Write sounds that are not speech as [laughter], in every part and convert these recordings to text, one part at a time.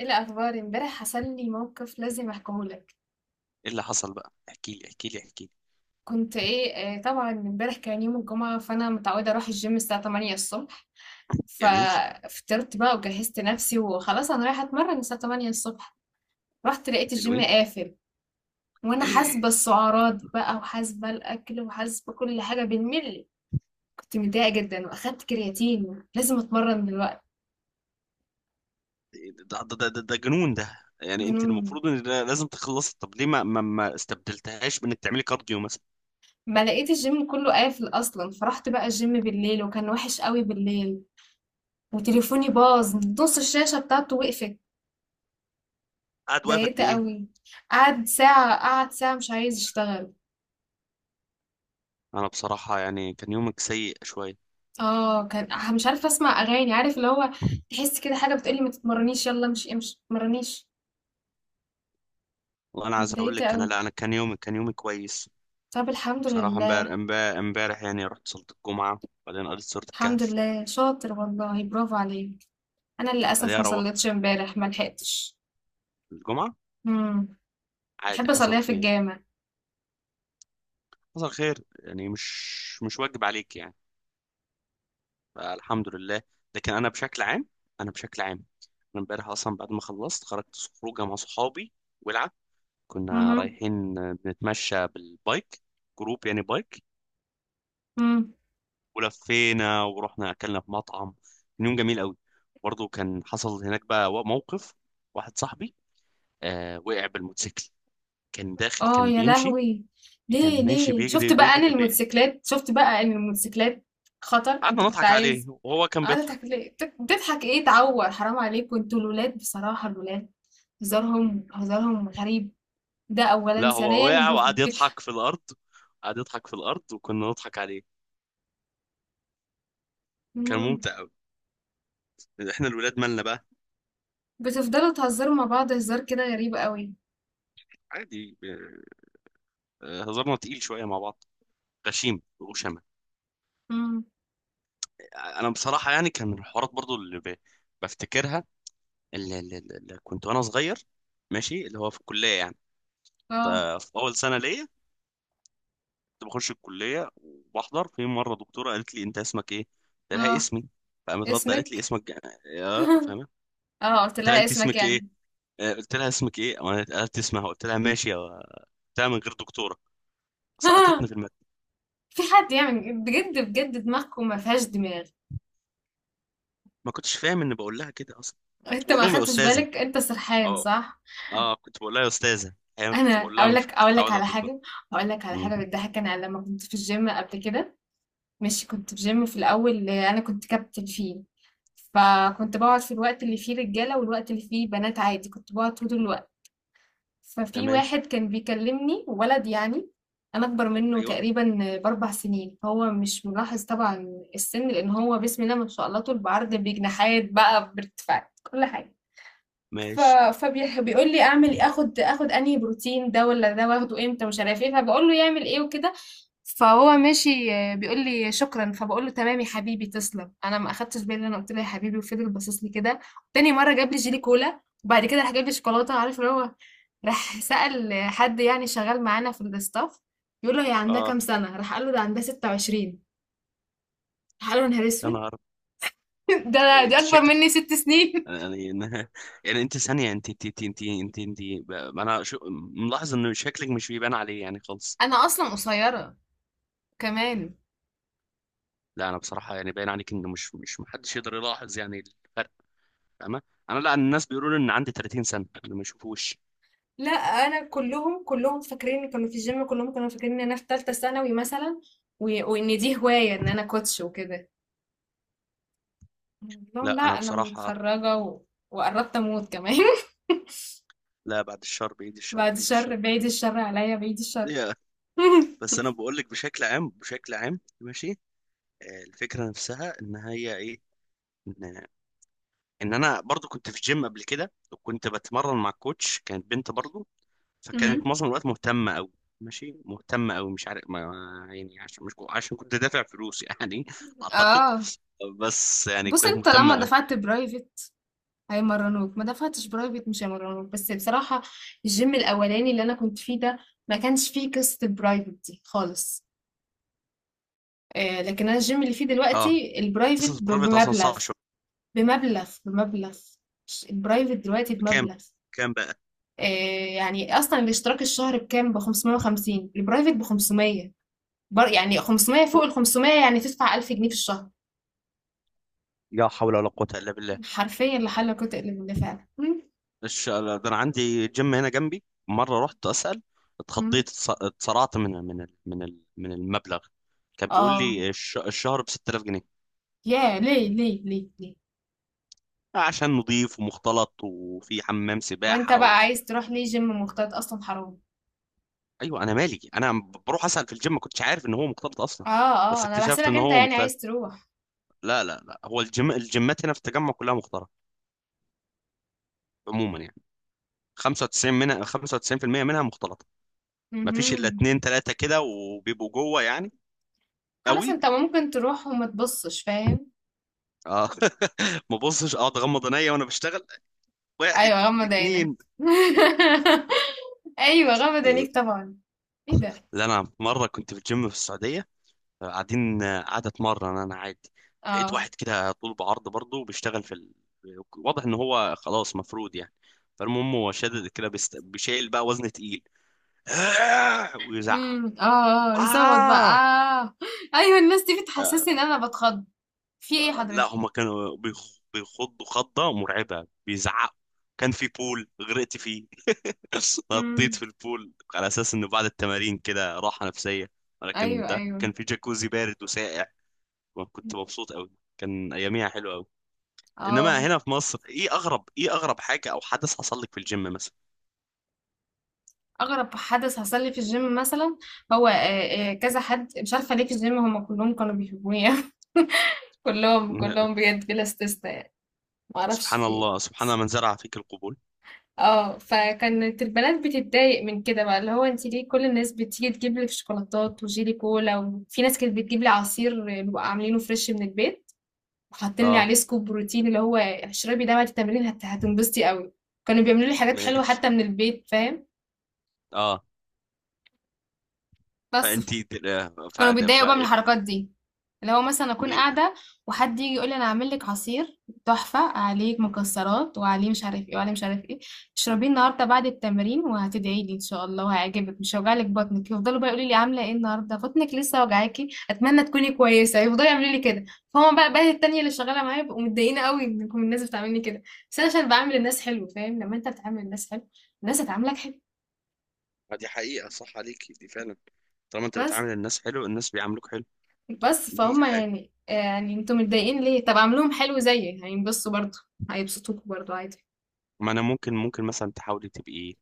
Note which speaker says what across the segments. Speaker 1: ايه الاخبار؟ امبارح حصل لي موقف لازم احكيه لك.
Speaker 2: ايه اللي حصل بقى، احكي لي احكي لي احكي لي.
Speaker 1: كنت ايه آه، طبعا امبارح كان يوم الجمعه، فانا متعوده اروح الجيم الساعه 8 الصبح.
Speaker 2: جميل.
Speaker 1: ففطرت بقى وجهزت نفسي وخلاص انا رايحه اتمرن الساعه 8 الصبح. رحت لقيت الجيم
Speaker 2: حلوين.
Speaker 1: قافل، وانا حاسبه
Speaker 2: [clears throat]
Speaker 1: السعرات بقى وحاسبه الاكل وحاسبه كل حاجه بالملي. كنت متضايقه جدا واخدت كرياتين، لازم اتمرن دلوقتي.
Speaker 2: ده جنون، ده يعني انت
Speaker 1: جنون.
Speaker 2: المفروض ان ده لازم تخلص. طب ليه ما استبدلتهاش بانك تعملي كارديو مثلا؟
Speaker 1: ما لقيت الجيم كله قافل اصلا، فرحت بقى الجيم بالليل وكان وحش قوي بالليل. وتليفوني باظ، نص الشاشة بتاعته وقفت.
Speaker 2: قاعد واقف
Speaker 1: ضايقت
Speaker 2: قد ايه؟
Speaker 1: قوي. قعد ساعة، قعد ساعة مش عايز يشتغل.
Speaker 2: انا بصراحة يعني كان يومك سيء شوية.
Speaker 1: اه، كان مش عارفة اسمع اغاني، عارف اللي هو. تحس كده حاجة بتقولي ما تتمرنيش، يلا امشي امشي ما تتمرنيش.
Speaker 2: وانا عايز اقول
Speaker 1: اتضايقت
Speaker 2: لك، انا،
Speaker 1: قوي.
Speaker 2: لا، انا كان يومي كويس.
Speaker 1: طب الحمد
Speaker 2: بصراحة امبارح
Speaker 1: لله.
Speaker 2: امبارح امبارح يعني رحت صلاة الجمعة، بعدين قريت سورة
Speaker 1: الحمد
Speaker 2: الكهف.
Speaker 1: لله، شاطر والله، برافو عليك. انا
Speaker 2: بعدين
Speaker 1: للاسف ما
Speaker 2: روح
Speaker 1: صليتش امبارح، ما لحقتش.
Speaker 2: الجمعة.
Speaker 1: امم.
Speaker 2: عادي،
Speaker 1: بحب
Speaker 2: حصل
Speaker 1: اصليها في
Speaker 2: خير.
Speaker 1: الجامع.
Speaker 2: حصل خير، يعني مش واجب عليك يعني. فالحمد لله. لكن انا بشكل عام، انا امبارح اصلا بعد ما خلصت خرجت. خروجه مع صحابي، ولعه. كنا رايحين بنتمشى بالبايك، جروب يعني بايك.
Speaker 1: امم.
Speaker 2: ولفينا ورحنا اكلنا في مطعم، كان يوم جميل قوي. برضه كان حصل هناك بقى موقف. واحد صاحبي آه وقع بالموتوسيكل. كان داخل،
Speaker 1: آه
Speaker 2: كان
Speaker 1: يا
Speaker 2: بيمشي،
Speaker 1: لهوي! ليه
Speaker 2: كان ماشي
Speaker 1: ليه؟ شُفت
Speaker 2: بيجري
Speaker 1: بقى أنا
Speaker 2: بيجري بي...
Speaker 1: الموتوسيكلات، شُفت بقى إن الموتوسيكلات خطر.
Speaker 2: قعدنا
Speaker 1: أنت كنت
Speaker 2: نضحك عليه
Speaker 1: عايز...
Speaker 2: وهو كان
Speaker 1: قاعد تضحك
Speaker 2: بيضحك.
Speaker 1: ليه؟ بتضحك إيه؟ تعوّر، حرام عليك. وأنتم الولاد، بصراحة الولاد هزارهم هزارهم غريب. ده أولًا،
Speaker 2: لا هو
Speaker 1: ثانيًا
Speaker 2: وقع
Speaker 1: بف
Speaker 2: وقعد
Speaker 1: بتح
Speaker 2: يضحك في الارض. قعد يضحك في الارض وكنا نضحك عليه. كان
Speaker 1: إمم.
Speaker 2: ممتع قوي. احنا الولاد مالنا بقى،
Speaker 1: بتفضلوا تهزروا مع بعض هزار كده غريب أوي.
Speaker 2: عادي. هزارنا تقيل شويه مع بعض، غشيم وشمة.
Speaker 1: إمم.
Speaker 2: انا بصراحه يعني كان من الحوارات برضو بفتكرها، اللي كنت وانا صغير، ماشي اللي هو في الكليه يعني. ف-
Speaker 1: آه،
Speaker 2: في اول سنه ليا كنت بخش الكليه وبحضر. في مره دكتوره قالت لي، انت اسمك ايه؟ قلت لها
Speaker 1: آه،
Speaker 2: اسمي. فقامت رد قالت لي،
Speaker 1: اسمِك؟
Speaker 2: اسمك يا
Speaker 1: [laughs]
Speaker 2: فاهمه،
Speaker 1: آه، قُلت
Speaker 2: قلت لها
Speaker 1: لها
Speaker 2: انت
Speaker 1: اسمك
Speaker 2: اسمك ايه.
Speaker 1: يعني.
Speaker 2: آه، قلت لها اسمك ايه، وانا قالت اسمها. قلت لها ماشي يا، قلت لها من غير دكتوره.
Speaker 1: [laughs]
Speaker 2: سقطتني في الماده.
Speaker 1: في حد يعمل بجد بجد؟ دماغكم ما فيهاش دماغ.
Speaker 2: ما كنتش فاهم ان بقول لها كده اصلا. كنت
Speaker 1: انت
Speaker 2: بقول
Speaker 1: ما
Speaker 2: لهم يا
Speaker 1: اخدتش
Speaker 2: استاذه.
Speaker 1: بالك، انت سرحان
Speaker 2: اه
Speaker 1: صح؟
Speaker 2: اه كنت بقول لها يا استاذه. احيانا
Speaker 1: انا
Speaker 2: كنت بقول لها.
Speaker 1: اقول
Speaker 2: مش
Speaker 1: لك،
Speaker 2: كنت
Speaker 1: اقول لك
Speaker 2: متعود على
Speaker 1: على
Speaker 2: الدكتور.
Speaker 1: حاجه، اقول لك على
Speaker 2: مم.
Speaker 1: حاجه بتضحك. انا لما كنت في الجيم قبل كده، ماشي، كنت في جيم في الاول انا كنت كابتن فيه. فكنت بقعد في الوقت اللي فيه رجاله والوقت اللي فيه بنات عادي، كنت بقعد طول الوقت. ففي
Speaker 2: تمام.
Speaker 1: واحد كان بيكلمني، ولد يعني. انا اكبر منه
Speaker 2: ايوه.
Speaker 1: تقريبا ب4 سنين، هو مش ملاحظ طبعا السن، لان هو بسم الله ما شاء الله طول بعرض بجناحات بقى بارتفاعات كل حاجه. ف
Speaker 2: ماشي.
Speaker 1: فبيقول لي اعمل إيه؟ اخد انهي بروتين، ده ولا ده، واخده امتى، مش عارف ايه، فبقول له يعمل ايه وكده. فهو ماشي، آه، بيقول لي شكرا، فبقول له تمام يا حبيبي تسلم. انا ما اخدتش بالي إن انا قلت له يا حبيبي، وفضل باصص لي كده. تاني مره جاب لي جيلي كولا وبعد كده راح جاب لي شوكولاته، عارف اللي هو. راح سأل حد يعني شغال معانا في الستاف، بيقول له هي عندها كام
Speaker 2: اه.
Speaker 1: سنه، راح قال له ده عندها 26. راح قال له يا نهار
Speaker 2: يا
Speaker 1: اسود!
Speaker 2: نهار
Speaker 1: [laughs] ده
Speaker 2: أبيض!
Speaker 1: دي
Speaker 2: انت
Speaker 1: اكبر
Speaker 2: شكلك
Speaker 1: مني 6 سنين. [laughs]
Speaker 2: يعني [laughs] يعني انت ثانيه، انت انا شو... ملاحظ ان شكلك مش بيبان عليه يعني خالص.
Speaker 1: انا اصلا قصيره كمان.
Speaker 2: لا انا بصراحه يعني باين عليك انه مش محدش يقدر يلاحظ يعني الفرق. فاهمة؟ انا لا، الناس بيقولوا لي ان عندي 30 سنة، اللي ما يشوفوش.
Speaker 1: لا، انا كلهم كلهم فاكرين، كانوا في الجيم كلهم كانوا فاكرين ان انا في ثالثه ثانوي مثلا، وان دي هوايه، ان انا كوتش وكده. قلت لهم لا
Speaker 2: لا انا
Speaker 1: انا
Speaker 2: بصراحة.
Speaker 1: متخرجه و... وقربت اموت كمان. [laughs]
Speaker 2: لا، بعد الشر، بايد الشر،
Speaker 1: بعد
Speaker 2: بايد
Speaker 1: شر،
Speaker 2: الشر.
Speaker 1: بعيد الشر عليا، بعيد الشر.
Speaker 2: ليه؟
Speaker 1: [laughs]
Speaker 2: بس انا بقول لك بشكل عام ماشي. آه، الفكرة نفسها ان هي ايه، ان ان انا برضو كنت في جيم قبل كده، وكنت بتمرن مع كوتش كانت بنت برضو. فكانت
Speaker 1: أمم.
Speaker 2: معظم الوقت مهتمة قوي، ماشي، مهتمة قوي. مش عارف، ما يعني عشان، مش عشان كنت دافع فلوس يعني [laughs] اعتقد.
Speaker 1: اه.
Speaker 2: بس يعني
Speaker 1: بص،
Speaker 2: كانت
Speaker 1: انت
Speaker 2: مهتمة
Speaker 1: لما
Speaker 2: قوي.
Speaker 1: دفعت برايفت هيمرنوك، ما دفعتش برايفت مش هيمرنوك، بس بصراحة الجيم الأولاني اللي أنا كنت فيه ده ما كانش فيه قصة البرايفت دي خالص. آه، لكن أنا الجيم اللي فيه
Speaker 2: اه.
Speaker 1: دلوقتي البرايفت
Speaker 2: قصة برايفت اصلا
Speaker 1: بمبلغ.
Speaker 2: صعبة شوية.
Speaker 1: بمبلغ. الprivate دلوقتي
Speaker 2: بكام؟
Speaker 1: بمبلغ.
Speaker 2: كام بقى؟
Speaker 1: آآ يعني أصلًا الاشتراك الشهر بكام؟ ب550، الprivate ب500. بر يعني 500 فوق ال500، يعني تدفع 1000 جنيه في الشهر.
Speaker 2: لا حول ولا قوة إلا بالله.
Speaker 1: حرفيًا لا حل ولا قوة إلا بالله فعلًا. إمم.
Speaker 2: ده أنا عندي جيم هنا جنبي، مرة رحت أسأل،
Speaker 1: إمم.
Speaker 2: اتخضيت، اتصرعت من، من المبلغ. كان بيقول
Speaker 1: آه.
Speaker 2: لي الشهر ب 6000 جنيه.
Speaker 1: ياه! ليه، ليه، ليه، ليه؟
Speaker 2: آه، عشان نضيف ومختلط وفي حمام
Speaker 1: وأنت
Speaker 2: سباحة
Speaker 1: بقى
Speaker 2: و...
Speaker 1: عايز تروح ليه gym مختلط أصلًا، حرام!
Speaker 2: أيوة أنا مالي، أنا بروح أسأل في الجيم، ما كنتش عارف إن هو مختلط أصلا.
Speaker 1: آه،
Speaker 2: بس
Speaker 1: آه، أنا
Speaker 2: اكتشفت
Speaker 1: باحسبك
Speaker 2: إن
Speaker 1: أنت
Speaker 2: هو
Speaker 1: يعني
Speaker 2: مختلط.
Speaker 1: عايز تروح.
Speaker 2: لا، هو الجيمات هنا في التجمع كلها مختلطة عموما يعني. 95 منها، 95% منها مختلطة. ما فيش إلا
Speaker 1: اهم.
Speaker 2: اتنين تلاتة كده وبيبقوا جوه يعني.
Speaker 1: خلاص
Speaker 2: قوي.
Speaker 1: أنت ممكن تروح وما تبصش، فاهم؟
Speaker 2: اه [laughs] ما ببصش، اقعد اغمض عينيا وانا بشتغل. واحد،
Speaker 1: ايوه غمض عينك.
Speaker 2: اتنين.
Speaker 1: [laughs] ايوه غمض عينيك طبعا. ايه ده؟
Speaker 2: لا انا مره كنت في الجيم في السعوديه، قاعدين، قاعده اتمرن انا عادي. لقيت
Speaker 1: اه.
Speaker 2: واحد كده طول بعرض برضه بيشتغل في ال... واضح ان هو خلاص مفروض يعني. فالمهم هو شادد كده بيشيل بقى وزن تقيل [laughs] ويزعق.
Speaker 1: امم. اه اه يصوت بقى.
Speaker 2: آه!
Speaker 1: آه. ايوه الناس دي بتحسسني ان
Speaker 2: آه.
Speaker 1: انا بتخض. في ايه
Speaker 2: لا
Speaker 1: حضرتك؟
Speaker 2: هما كانوا بيخضوا خضة مرعبة، بيزعقوا. كان في بول غرقت فيه [laughs] نطيت في
Speaker 1: امم.
Speaker 2: البول على اساس انه بعد التمارين كده راحه نفسيه، ولكن
Speaker 1: ايوه،
Speaker 2: ده
Speaker 1: ايوه.
Speaker 2: كان في جاكوزي بارد وساقع. وكنت مبسوط قوي، كان اياميها حلوه قوي. انما
Speaker 1: اه.
Speaker 2: هنا في مصر، ايه اغرب حاجه او حدث حصل لك في الجيم مثلا؟
Speaker 1: اغرب حدث حصل لي في الجيم مثلا، هو آه، آه، كذا حد مش عارفه ليه في الجيم هم كلهم كانوا بيحبوني. [laughs] كلهم كلهم
Speaker 2: [laughs]
Speaker 1: بجد بلا استثناء. ما اعرفش
Speaker 2: سبحان
Speaker 1: في ايه.
Speaker 2: الله، سبحان من زرع فيك القبول.
Speaker 1: اه. فكانت البنات بتتضايق من كده بقى، اللي هو انت ليه كل الناس بتيجي تجيب لي شوكولاتات وجيلي كولا. وفي ناس كانت بتجيب لي عصير بيبقى عاملينه فريش من البيت، وحاطين لي
Speaker 2: اه.
Speaker 1: عليه سكوب بروتين، اللي هو اشربي ده بعد التمرين هتنبسطي قوي. كانوا بيعملوا لي حاجات حلوه
Speaker 2: ماشي.
Speaker 1: حتى من البيت، فاهم.
Speaker 2: اه.
Speaker 1: بس
Speaker 2: فانتي
Speaker 1: كانوا
Speaker 2: فاده
Speaker 1: بيتضايقوا بقى من
Speaker 2: فايه
Speaker 1: الحركات دي، اللي هو مثلا اكون قاعده وحد يجي يقول لي انا هعمل لك عصير تحفه، عليه مكسرات وعليه مش عارف ايه وعليه مش عارف ايه، اشربيه النهارده بعد التمرين وهتدعي لي ان شاء الله وهيعجبك، مش هيوجع لك بطنك. يفضلوا بقى يقولوا لي عامله ايه النهارده، بطنك لسه وجعاكي، اتمنى تكوني كويسه. يفضلوا يعملوا لي كده. فهم بقى التانيه اللي شغاله معايا بيبقوا متضايقين قوي انكم الناس بتعاملني كده. بس انا عشان بعامل الناس حلو، فاهم، لما انت بتعامل الناس حلو الناس هتعاملك حلو.
Speaker 2: فدي حقيقة، صح عليكي دي فعلا. طالما انت
Speaker 1: بس.
Speaker 2: بتعامل الناس حلو الناس بيعاملوك حلو.
Speaker 1: بس
Speaker 2: دي،
Speaker 1: فهم يعني، يعني انتوا متضايقين ليه؟ طب اعملوهم حلو زيي هينبسطوا برضو، هيبسطوكوا برضو عادي.
Speaker 2: ما انا ممكن مثلا تحاولي تبقي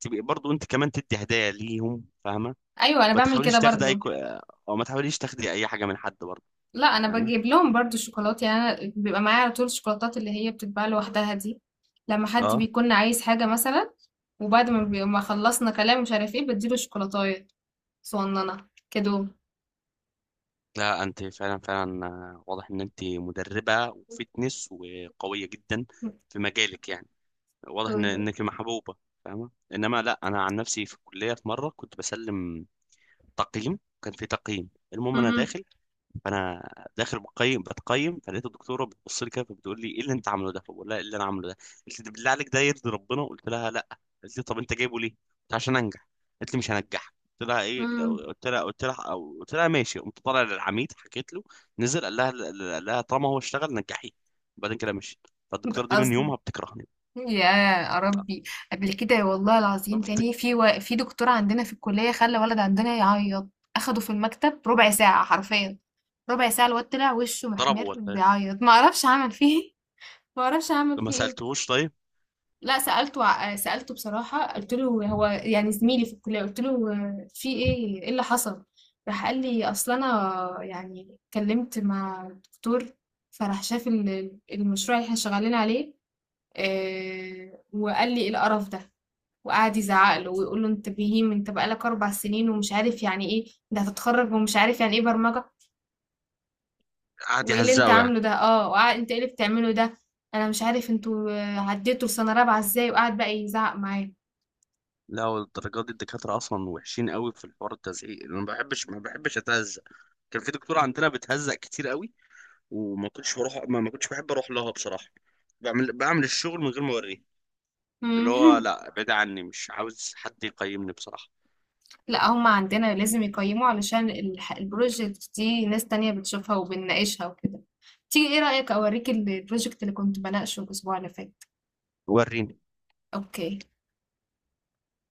Speaker 2: تبقي برضو انت كمان تدي هدايا ليهم، فاهمه؟
Speaker 1: ايوه انا
Speaker 2: ما
Speaker 1: بعمل كده
Speaker 2: تحاوليش تاخدي
Speaker 1: برضو.
Speaker 2: اي كو... او ما تحاوليش تاخدي اي حاجه من حد برضو،
Speaker 1: لا انا
Speaker 2: فاهمه؟
Speaker 1: بجيب لهم برضو الشوكولاتة يعني. انا بيبقى معايا على طول الشوكولاتات اللي هي بتتباع لوحدها دي لما حد
Speaker 2: اه.
Speaker 1: بيكون عايز حاجة مثلا. وبعد ما ما خلصنا كلام مش عارف ايه بديله شوكولاتاية صغننة كده.
Speaker 2: لا انت فعلا فعلا، آه، واضح ان انت مدربه وفتنس وقويه جدا في مجالك يعني. واضح ان انك محبوبه، فاهمه؟ انما لا، انا عن نفسي في الكليه، في مره كنت بسلم تقييم، كان في تقييم، المهم انا
Speaker 1: مهم.
Speaker 2: داخل. فانا داخل بتقيم، فلقيت الدكتوره بتبص لي كده، فبتقول لي ايه اللي انت عامله ده؟ فبقول لها ايه اللي انا عامله ده؟ قالت لي ده بالله عليك ده يرضي ربنا؟ قلت لها لا. قالت لي طب انت جايبه ليه؟ قلت عشان انجح. قالت لي مش هنجحك.
Speaker 1: مهم.
Speaker 2: قلت لها ماشي. قمت طالع للعميد، حكيت له. نزل، قال لها طالما هو اشتغل نجحيه. وبعدين كده مشيت.
Speaker 1: ده
Speaker 2: فالدكتوره دي من
Speaker 1: اصلا.
Speaker 2: يومها بتكرهني.
Speaker 1: يا ربي! قبل كده والله العظيم
Speaker 2: بت-
Speaker 1: تاني في و... في دكتور عندنا في الكلية خلى ولد عندنا يعيط. أخده في المكتب ربع ساعة حرفيا، ربع ساعة. الواد طلع وشه
Speaker 2: ضربه
Speaker 1: محمر
Speaker 2: ولا إيه؟
Speaker 1: بيعيط، ما اعرفش عمل فيه ايه. ما اعرفش عمل
Speaker 2: ما
Speaker 1: فيه ايه.
Speaker 2: سالتهوش طيب؟
Speaker 1: لا سألته، سألته بصراحة. قلت له هو يعني زميلي في الكلية، قلت له آه، في ايه، ايه اللي حصل. راح قال لي اصل انا يعني اتكلمت مع الدكتور، فراح شاف المشروع اللي احنا شغالين عليه، آه، وقال لي ايه القرف ده. وقعد يزعق له ويقول له انت بهيم، انت بقالك 4 سنين ومش عارف يعني ايه، ده هتتخرج ومش عارف يعني ايه برمجة.
Speaker 2: قعد
Speaker 1: وايه اللي انت
Speaker 2: يهزقه يعني.
Speaker 1: عامله ده، اه، انت ايه اللي بتعمله ده. انا مش عارف انتوا آه، عديتوا لسنة رابعة ازاي، وقعد بقى يزعق معايا.
Speaker 2: لا والدرجات دي، الدكاترة أصلا وحشين قوي في الحوار، التزعيق أنا ما بحبش، أتهزق. كان في دكتورة عندنا بتهزق كتير قوي وما كنتش بروح، ما كنتش بحب أروح لها بصراحة. بعمل الشغل من غير ما أوريه، اللي هو لا،
Speaker 1: [laughs]
Speaker 2: بعيد عني، مش عاوز حد يقيمني بصراحة.
Speaker 1: لا هم عندنا لازم يقيموا علشان البروجكت دي ناس تانية بتشوفها وبنناقشها وكده. تيجي ايه رأيك اوريك البروجكت اللي كنت بناقشه الاسبوع اللي فات.
Speaker 2: وريني.
Speaker 1: اوكي.